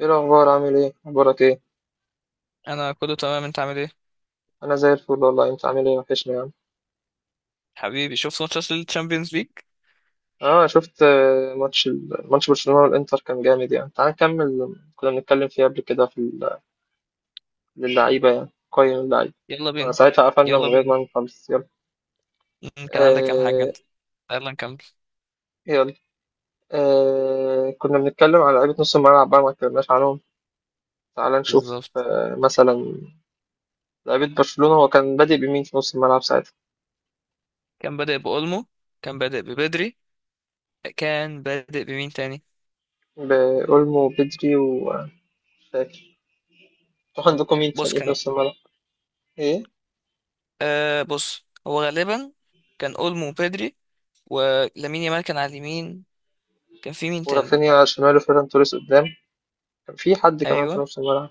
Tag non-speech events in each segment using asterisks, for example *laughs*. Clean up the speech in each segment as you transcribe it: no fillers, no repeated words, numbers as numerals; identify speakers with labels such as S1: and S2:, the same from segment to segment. S1: إيه الأخبار عامل إيه؟ أخبارك إيه؟
S2: انا كله تمام، انت عامل ايه؟
S1: أنا زي الفل والله أنت عامل إيه وحشني يعني
S2: حبيبي، شفت ماتشات الشامبيونز ليج.
S1: آه شفت ماتش ماتش برشلونة والإنتر كان جامد يعني تعال نكمل كنا بنتكلم فيه قبل كده في للعيبة يعني قيم اللعيبة
S2: يلا بينا.
S1: ساعتها قفلنا من
S2: يلا
S1: غير
S2: بينا.
S1: ما نخلص يلا
S2: مم، كان عندك كام حاجه
S1: آه
S2: انت؟ يلا نكمل.
S1: يلا آه كنا بنتكلم على لعيبة نص الملعب بقى ما اتكلمناش عنهم تعال نشوف
S2: بالظبط.
S1: آه مثلا لعيبة برشلونة هو كان بادئ بمين في نص الملعب ساعتها؟
S2: كان بادئ بأولمو. كان بادئ ببدري. كان بادئ بمين تاني؟
S1: بأولمو وبدري ومش فاكر أنتوا عندكم مين
S2: بص
S1: تاني في
S2: كان،
S1: نص الملعب؟ إيه؟
S2: آه بص هو غالبا كان أولمو وبدري، ولامين يامال كان على اليمين. كان في مين تاني؟
S1: ورافينيا شماله فيران توريس قدام كان في حد كمان في
S2: ايوه.
S1: نص الملعب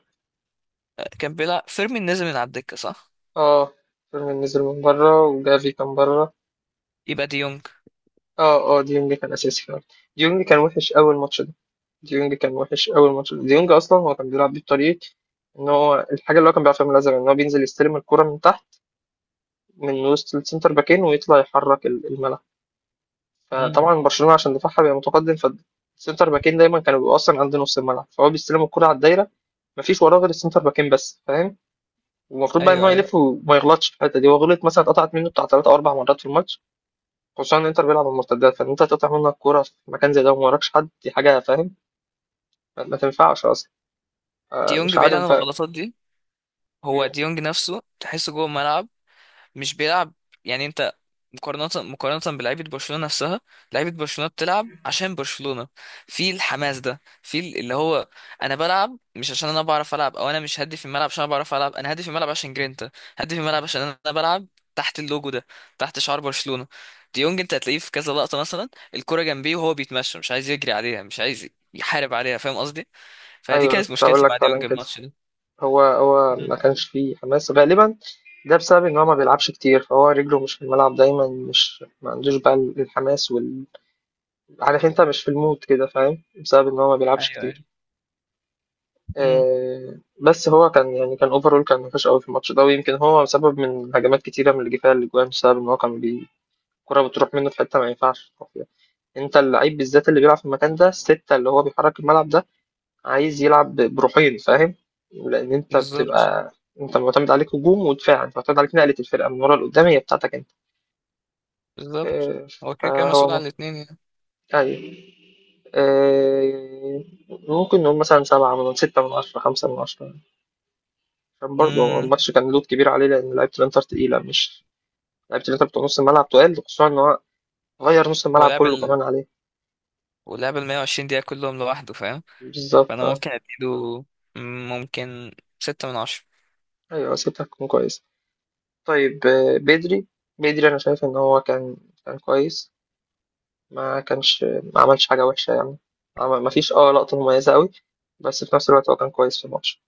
S2: آه، كان بيلعب فيرمين، نزل من على الدكه صح.
S1: اه فيرمين نزل من بره وجافي كان بره
S2: يبقى ديونج.
S1: اه اه ديونج كان اساسي فعلا ديونج كان وحش اول ماتش ده ديونج اصلا هو كان بيلعب بيه بطريقه ان هو الحاجه اللي هو كان بيعرفها من الازرق ان هو بينزل يستلم الكره من تحت من وسط السنتر باكين ويطلع يحرك الملعب.
S2: مم.
S1: فطبعا برشلونه عشان دفاعها بيبقى متقدم فالسنتر باكين دايما كانوا بيبقوا اصلا عند نص الملعب فهو بيستلم الكره على الدايره، مفيش وراه غير السنتر باكين بس فاهم. والمفروض بقى ان
S2: ايوه
S1: هو
S2: ايوه.
S1: يلف وما يغلطش في الحته دي، هو غلط مثلا اتقطعت منه بتاع ثلاث او اربع مرات في الماتش، خصوصا ان انتر بيلعب على المرتدات فان انت تقطع منك كوره في مكان زي ده وما وراكش حد، دي حاجه فاهم ما تنفعش اصلا.
S2: ديونج
S1: مش
S2: بعيد
S1: عارف
S2: عن
S1: بقى.
S2: الغلطات دي.
S1: مم.
S2: هو ديونج نفسه تحسه جوه الملعب، مش بيلعب. يعني انت، مقارنة بلعيبة برشلونة نفسها، لعيبة برشلونة بتلعب عشان برشلونة. في الحماس ده، في اللي هو انا بلعب مش عشان انا بعرف العب. او انا مش هدي في الملعب عشان انا بعرف العب، انا هدي في الملعب عشان جرينتا. هدي في الملعب عشان انا بلعب تحت اللوجو ده، تحت شعار برشلونة. ديونج انت هتلاقيه في كذا لقطة، مثلا الكرة جنبيه وهو بيتمشى، مش عايز يجري عليها، مش عايز يحارب عليها، فاهم قصدي؟ فدي
S1: ايوه انا
S2: كانت
S1: كنت هقول
S2: مشكلتي
S1: لك
S2: مع
S1: فعلا
S2: ديونج
S1: كده،
S2: الماتش ده.
S1: هو ما
S2: مم.
S1: كانش فيه حماس غالبا، ده بسبب ان هو ما بيلعبش كتير فهو رجله مش في الملعب دايما، مش ما عندوش بقى الحماس وال عارف انت مش في المود كده فاهم، بسبب ان هو ما بيلعبش
S2: ايوه
S1: كتير.
S2: ايوه. مم.
S1: بس هو كان يعني كان اوفرول كان وحش قوي في الماتش ده، ويمكن هو سبب من هجمات كتيره من اللي جه فيها الاجوان بسبب ان هو كان الكره بتروح منه في حته ما ينفعش يروح فيها. انت اللعيب بالذات اللي بيلعب في المكان ده، السته اللي هو بيحرك الملعب ده، عايز يلعب بروحين فاهم، لان انت
S2: بالظبط.
S1: بتبقى انت معتمد عليك هجوم ودفاع، انت معتمد عليك نقله الفرقه من ورا لقدام، هي بتاعتك انت.
S2: بالظبط،
S1: آه،
S2: هو كده كده
S1: فهو
S2: مسؤول
S1: م-
S2: عن الاتنين يعني.
S1: ايوه. آه، ممكن نقول مثلا سبعة من 6/10، 5/10، كان برضه هو
S2: امم.
S1: الماتش كان لود كبير عليه لأن لعيبة الإنتر تقيلة مش لعيبة الإنتر بتوع نص الملعب تقال، خصوصا إن هو غير نص
S2: هو
S1: الملعب
S2: لعب
S1: كله
S2: ال...
S1: كمان عليه
S2: ولعب ال 120 دقيقة كلهم لوحده، فاهم؟
S1: بالظبط.
S2: فأنا
S1: آه.
S2: ممكن أديله، مم، ممكن 6/10.
S1: أيوة سيبتها تكون كويس. طيب بدري، بدري أنا شايف إن هو كان كان كويس، ما كانش ما عملش حاجة وحشة يعني، ما فيش اه لقطة مميزة أوي، بس في نفس الوقت هو كان كويس في الماتش،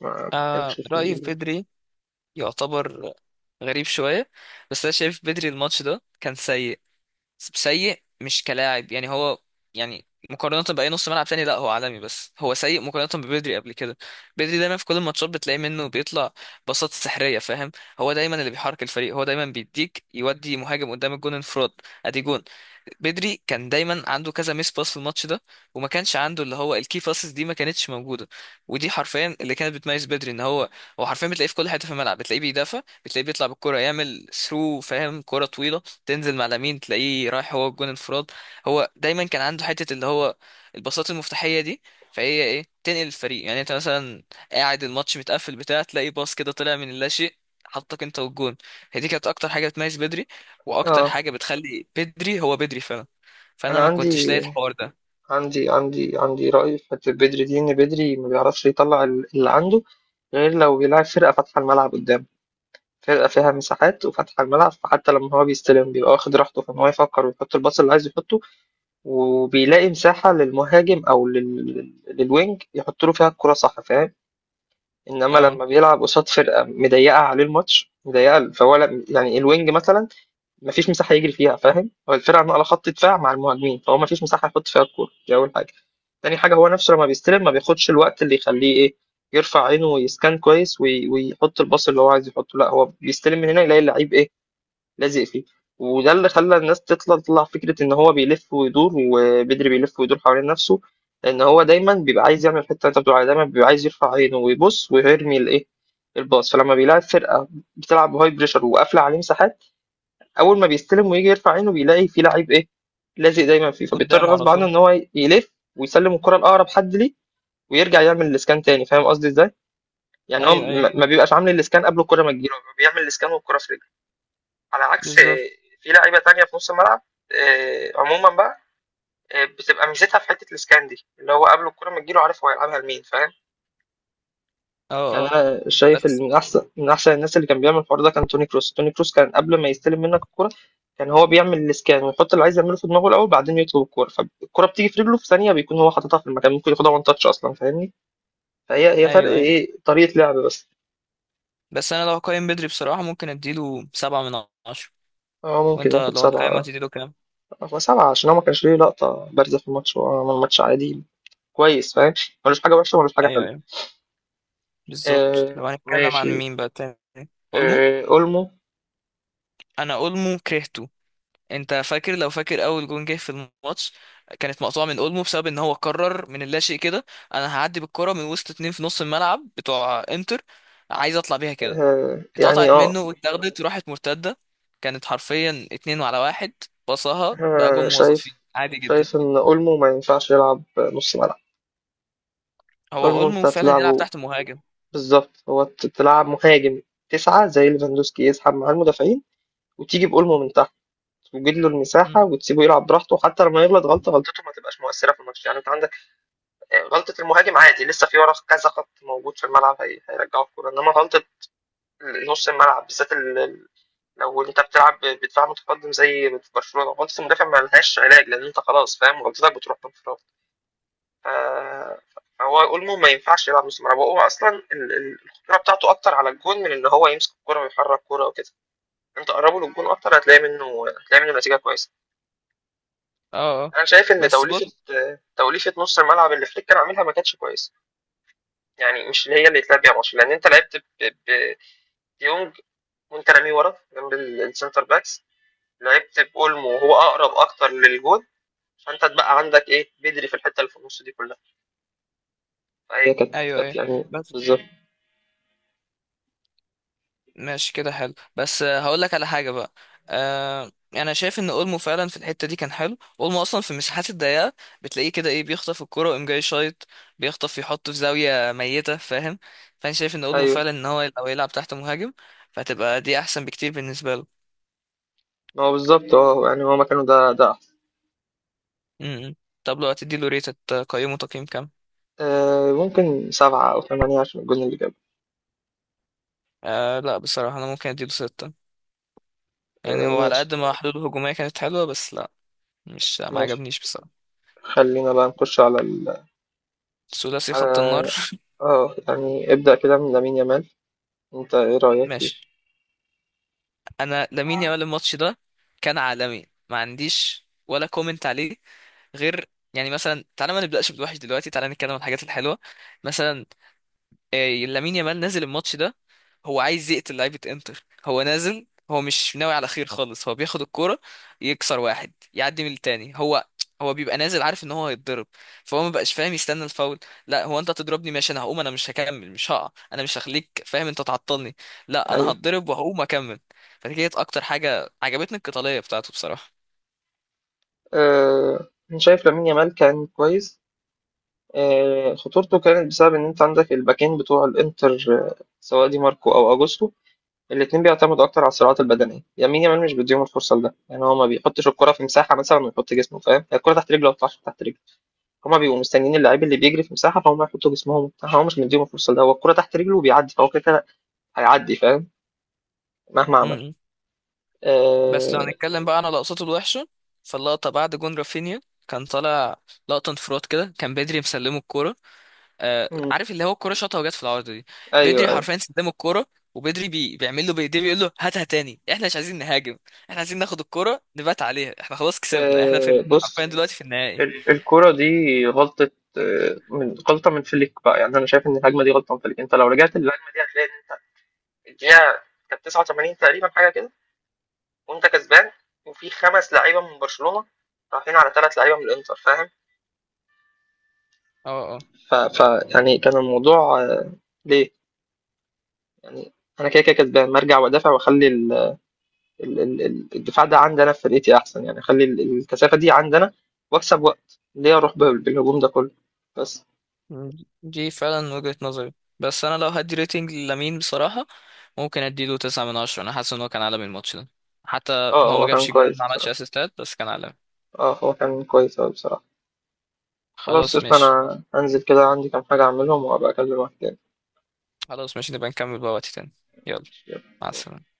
S1: ما ما كانش
S2: آه رأيي في
S1: فيه
S2: بدري يعتبر غريب شوية، بس أنا شايف بدري الماتش ده كان سيء. سيء مش كلاعب يعني، هو يعني مقارنة بأي نص ملعب تاني لا هو عالمي، بس هو سيء مقارنة ببدري قبل كده. بدري دايما في كل الماتشات بتلاقي منه بيطلع باصات سحرية، فاهم؟ هو دايما اللي بيحرك الفريق، هو دايما بيديك، يودي مهاجم قدام الجون انفراد، ادي جون. بدري كان دايما عنده كذا ميس باس في الماتش ده، وما كانش عنده اللي هو الكي باسز دي، ما كانتش موجودة. ودي حرفيا اللي كانت بتميز بدري، ان هو هو حرفيا بتلاقيه في كل حتة في الملعب، بتلاقيه بيدافع، بتلاقيه بيطلع بالكرة يعمل ثرو، فاهم؟ كرة طويلة تنزل مع لامين، تلاقيه رايح هو الجون انفراد. هو دايما كان عنده حته اللي هو الباصات المفتاحيه دي، فهي ايه، تنقل الفريق. يعني انت مثلا قاعد الماتش متقفل بتاع، تلاقي باص كده طلع من اللا شيء، حطك انت والجون. هي دي كانت اكتر حاجه بتميز بدري، واكتر
S1: اه
S2: حاجه بتخلي بدري هو بدري فعلا.
S1: أنا
S2: فانا ما كنتش لاقي الحوار ده.
S1: عندي رأي في بدري، دين بدري ما بيعرفش يطلع اللي عنده غير لو بيلعب فرقة فاتحة الملعب قدام، فرقة فيها مساحات وفاتحة الملعب، فحتى لما هو بيستلم بيبقى واخد راحته في إن هو يفكر ويحط الباص اللي عايز يحطه، وبيلاقي مساحة للمهاجم أو للوينج يحط له فيها الكرة، صح فاهم. إنما
S2: اه،
S1: لما بيلعب قصاد فرقة مضيقة عليه الماتش مضيقة فهو يعني الوينج مثلا مفيش مساحه يجري فيها فاهم، هو الفرقه على خط دفاع مع المهاجمين فهو مفيش مساحه يحط فيها الكوره، دي اول حاجه. تاني حاجه هو نفسه لما بيستلم ما بياخدش الوقت اللي يخليه ايه يرفع عينه ويسكان كويس ويحط الباص اللي هو عايز يحطه، لا هو بيستلم من هنا يلاقي اللعيب ايه لازق فيه، وده اللي خلى الناس تطلع فكره ان هو بيلف ويدور، وبدري بيلف ويدور حوالين نفسه، ان هو دايما بيبقى عايز يعمل الحته اللي انت بتقول عليها، دايما بيبقى عايز يرفع عينه ويبص ويرمي الايه الباص. فلما بيلاعب فرقه بتلعب بهاي بريشر وقافله عليه مساحات، اول ما بيستلم ويجي يرفع عينه بيلاقي في لعيب ايه لازق دايما فيه، فبيضطر
S2: قدامه على
S1: غصب عنه
S2: طول.
S1: ان هو يلف ويسلم الكره لاقرب حد ليه، ويرجع يعمل الاسكان تاني، فاهم قصدي ازاي. يعني هو
S2: ايوه ايوه.
S1: ما بيبقاش عامل الاسكان قبل الكره ما تجيله، هو بيعمل الاسكان والكره في رجله، على عكس
S2: بالظبط.
S1: في لعيبه تانية في نص الملعب. عموما بقى بتبقى ميزتها في حته الاسكان دي، اللي هو قبل الكره ما تجيله عارف هو هيلعبها لمين فاهم.
S2: اه
S1: يعني
S2: اه.
S1: انا شايف ان
S2: بس.
S1: من احسن الناس اللي كان بيعمل الحوار ده كان توني كروس، توني كروس كان قبل ما يستلم منك الكرة كان هو بيعمل الاسكان ويحط اللي عايز يعمله في دماغه الاول، بعدين يطلب الكرة، فالكرة بتيجي في رجله في ثانية بيكون هو حاططها في المكان، ممكن ياخدها وان تاتش اصلا فاهمني. فهي فرق
S2: ايوه ايوه.
S1: ايه طريقة لعب بس.
S2: بس انا لو هقيم بدري بصراحه، ممكن اديله 7/10.
S1: هو ممكن
S2: وانت
S1: ياخد
S2: لو
S1: 7.
S2: هتقيمه هتديله كام؟
S1: هو 7 عشان هو ما كانش ليه لقطة بارزة في الماتش، هو عمل ماتش عادي كويس فاهم، ملوش حاجة وحشة ملوش حاجة
S2: ايوه
S1: حلوة.
S2: أيوه. بالظبط. لو
S1: آه
S2: هنتكلم عن
S1: ماشي.
S2: مين بقى تاني، اولمو.
S1: آه اولمو.
S2: انا اولمو كرهته. انت فاكر لو فاكر اول جون جه في الماتش، كانت مقطوعه من اولمو، بسبب ان هو قرر من اللاشيء كده انا هعدي بالكره من وسط اتنين في نص الملعب بتوع انتر، عايز اطلع بيها كده.
S1: آه يعني
S2: اتقطعت
S1: اه.
S2: منه واتاخدت وراحت مرتده، كانت حرفيا 2-1، بصها بقى جون موظفين
S1: شايف
S2: عادي جدا.
S1: ان اولمو ما ينفعش يلعب نص ملعب،
S2: هو
S1: اولمو انت
S2: اولمو فعلا يلعب
S1: تلعبه
S2: تحت مهاجم.
S1: بالظبط، هو تلعب مهاجم 9 زي ليفاندوسكي يسحب مع المدافعين، وتيجي بأولمو من تحت وتجيب له المساحة
S2: مم.
S1: وتسيبه يلعب براحته، حتى لما يغلط غلطة غلطته ما تبقاش مؤثرة في الماتش، يعني انت عندك غلطة المهاجم عادي لسه في ورا كذا خط موجود في الملعب هيرجعوا الكورة، انما غلطة نص الملعب بالذات لو انت بتلعب بدفاع متقدم زي في برشلونة غلطة المدافع ما لهاش علاج، لان انت خلاص فاهم غلطتك بتروح بانفراد. آه، هو اولمو ما ينفعش يلعب نص ملعب، هو اصلا الخطوره بتاعته اكتر على الجون من ان هو يمسك الكوره ويحرك الكوره وكده، انت قربه للجون اكتر هتلاقي منه نتيجه كويسه.
S2: اه اه.
S1: انا شايف ان
S2: بس بص.
S1: توليفه توليفه نص الملعب اللي فليك كان عاملها ما كانتش كويسه، يعني مش اللي هي اللي اتلعب بيها ماتش، لان انت لعبت بديونج وانت راميه ورا جنب السنتر باكس، لعبت باولمو وهو اقرب اكتر للجون، فانت اتبقى عندك ايه بدري في الحته اللي في النص دي كلها، فهي كانت
S2: ايوه
S1: كانت
S2: ايوه.
S1: يعني
S2: بس
S1: بالظبط.
S2: ماشي كده حلو، بس آه، هقول لك على حاجة بقى. آه انا شايف ان اولمو فعلا في الحتة دي كان حلو. اولمو اصلا في المساحات الضيقة بتلاقيه كده، ايه، بيخطف الكرة ويقوم جاي شايط، بيخطف يحطه في زاوية ميتة، فاهم؟ فانا شايف ان اولمو
S1: ايوه
S2: فعلا، ان هو لو يلعب تحت مهاجم، فهتبقى دي احسن بكتير بالنسبة له.
S1: هو بالظبط اه يعني هو مكانه ده ده أحسن.
S2: م-م. طب لو هتدي له ريت، تقيمه تقييم كام؟
S1: آه ممكن 7 أو 8 عشان الجون اللي جابه.
S2: آه لا بصراحة، انا ممكن اديله ستة. يعني
S1: آه
S2: هو على قد
S1: ماشي.
S2: ما حلوله الهجومية كانت حلوة، بس لا، مش، ما
S1: ماشي
S2: عجبنيش بصراحة.
S1: خلينا بقى نخش على ال
S2: ثلاثي خط النار.
S1: على اه، يعني ابدأ كده من لامين يامال، انت ايه
S2: *laughs*
S1: رأيك فيه؟
S2: ماشي. انا لامين يامال الماتش ده كان عالمي، ما عنديش ولا كومنت عليه، غير يعني مثلا، تعالى ما نبداش بالوحش دلوقتي، تعالى نتكلم عن الحاجات الحلوه. مثلا آه، لامين يامال نزل الماتش ده هو عايز يقتل لعيبة انتر، هو نازل هو مش ناوي على خير خالص. هو بياخد الكرة، يكسر واحد، يعدي من التاني. هو بيبقى نازل عارف ان هو هيتضرب، فهو ما بقاش فاهم يستنى الفاول. لا، هو انت هتضربني ماشي، انا هقوم، انا مش هكمل، مش هقع، انا مش هخليك فاهم انت تعطلني. لا انا
S1: أيوة.
S2: هتضرب وهقوم اكمل. فدي كانت اكتر حاجة عجبتني، القتالية بتاعته بصراحة.
S1: آه أنا شايف لامين يامال كان كويس. خطورته كانت بسبب إن أنت عندك الباكين بتوع الإنتر سواء دي ماركو أو أجوستو، الاتنين بيعتمدوا أكتر على الصراعات البدنية، لامين يامال مش بيديهم الفرصة لده، يعني هو ما بيحطش الكرة في مساحة مثلا ويحط جسمه فاهم، الكرة تحت رجله ما بتطلعش تحت رجله، هما بيبقوا مستنيين اللعيب اللي بيجري في مساحة فهم يحطوا جسمهم وبتاع، هو مش مديهم الفرصة ده، هو الكرة تحت رجله وبيعدي، فهو كده كده هيعدي فاهم مهما عمل.
S2: م-م. بس لو
S1: آه...
S2: هنتكلم بقى عن لقطاته الوحشة، فاللقطة بعد جون رافينيا كان طالع لقطة انفراد كده، كان بدري مسلمه الكورة، آه،
S1: مم.
S2: عارف اللي هو الكرة شاطها وجت في العارضة دي.
S1: ايوه
S2: بدري
S1: ايوه.
S2: حرفيا استلم الكرة، وبدري بيعمل له بايديه، بيقول له هاتها تاني، احنا مش عايزين نهاجم، احنا عايزين ناخد الكرة نبات عليها، احنا خلاص كسبنا، احنا في حرفيا
S1: بص،
S2: دلوقتي في النهائي.
S1: الكرة دي غلطة آه، من غلطة من فليك بقى، يعني أنا شايف إن الهجمة دي غلطة من فليك، أنت لو رجعت للهجمة دي هتلاقي إن أنت الدقيقة كانت 89 تقريبا حاجة كده، وأنت كسبان وفي 5 لعيبة من برشلونة رايحين على 3 لعيبة من الإنتر فاهم،
S2: اه اه.
S1: ف... ف يعني كان الموضوع ليه، يعني انا كده كده كسبان مرجع وادافع واخلي الدفاع ده عندي انا في فرقتي احسن، يعني اخلي الكثافه دي عندي انا واكسب وقت، ليه اروح بالهجوم ده كله بس.
S2: دي فعلا وجهة نظري. بس انا لو هدي ريتنج لامين بصراحة، ممكن اديله 9/10. انا حاسس ان هو كان عالمي الماتش ده، حتى
S1: اه
S2: هو ما
S1: هو كان
S2: جابش جوان،
S1: كويس
S2: ما عملش
S1: بصراحه،
S2: اسيستات، بس كان عالمي.
S1: اه هو كان كويس اوي بصراحه. خلاص
S2: خلاص
S1: قشطة،
S2: ماشي.
S1: انا هنزل كده عندي كام حاجه اعملهم وابقى اكلمك تاني.
S2: خلاص ماشي، نبقى نكمل بقى وقت تاني. يلا. مع السلامة.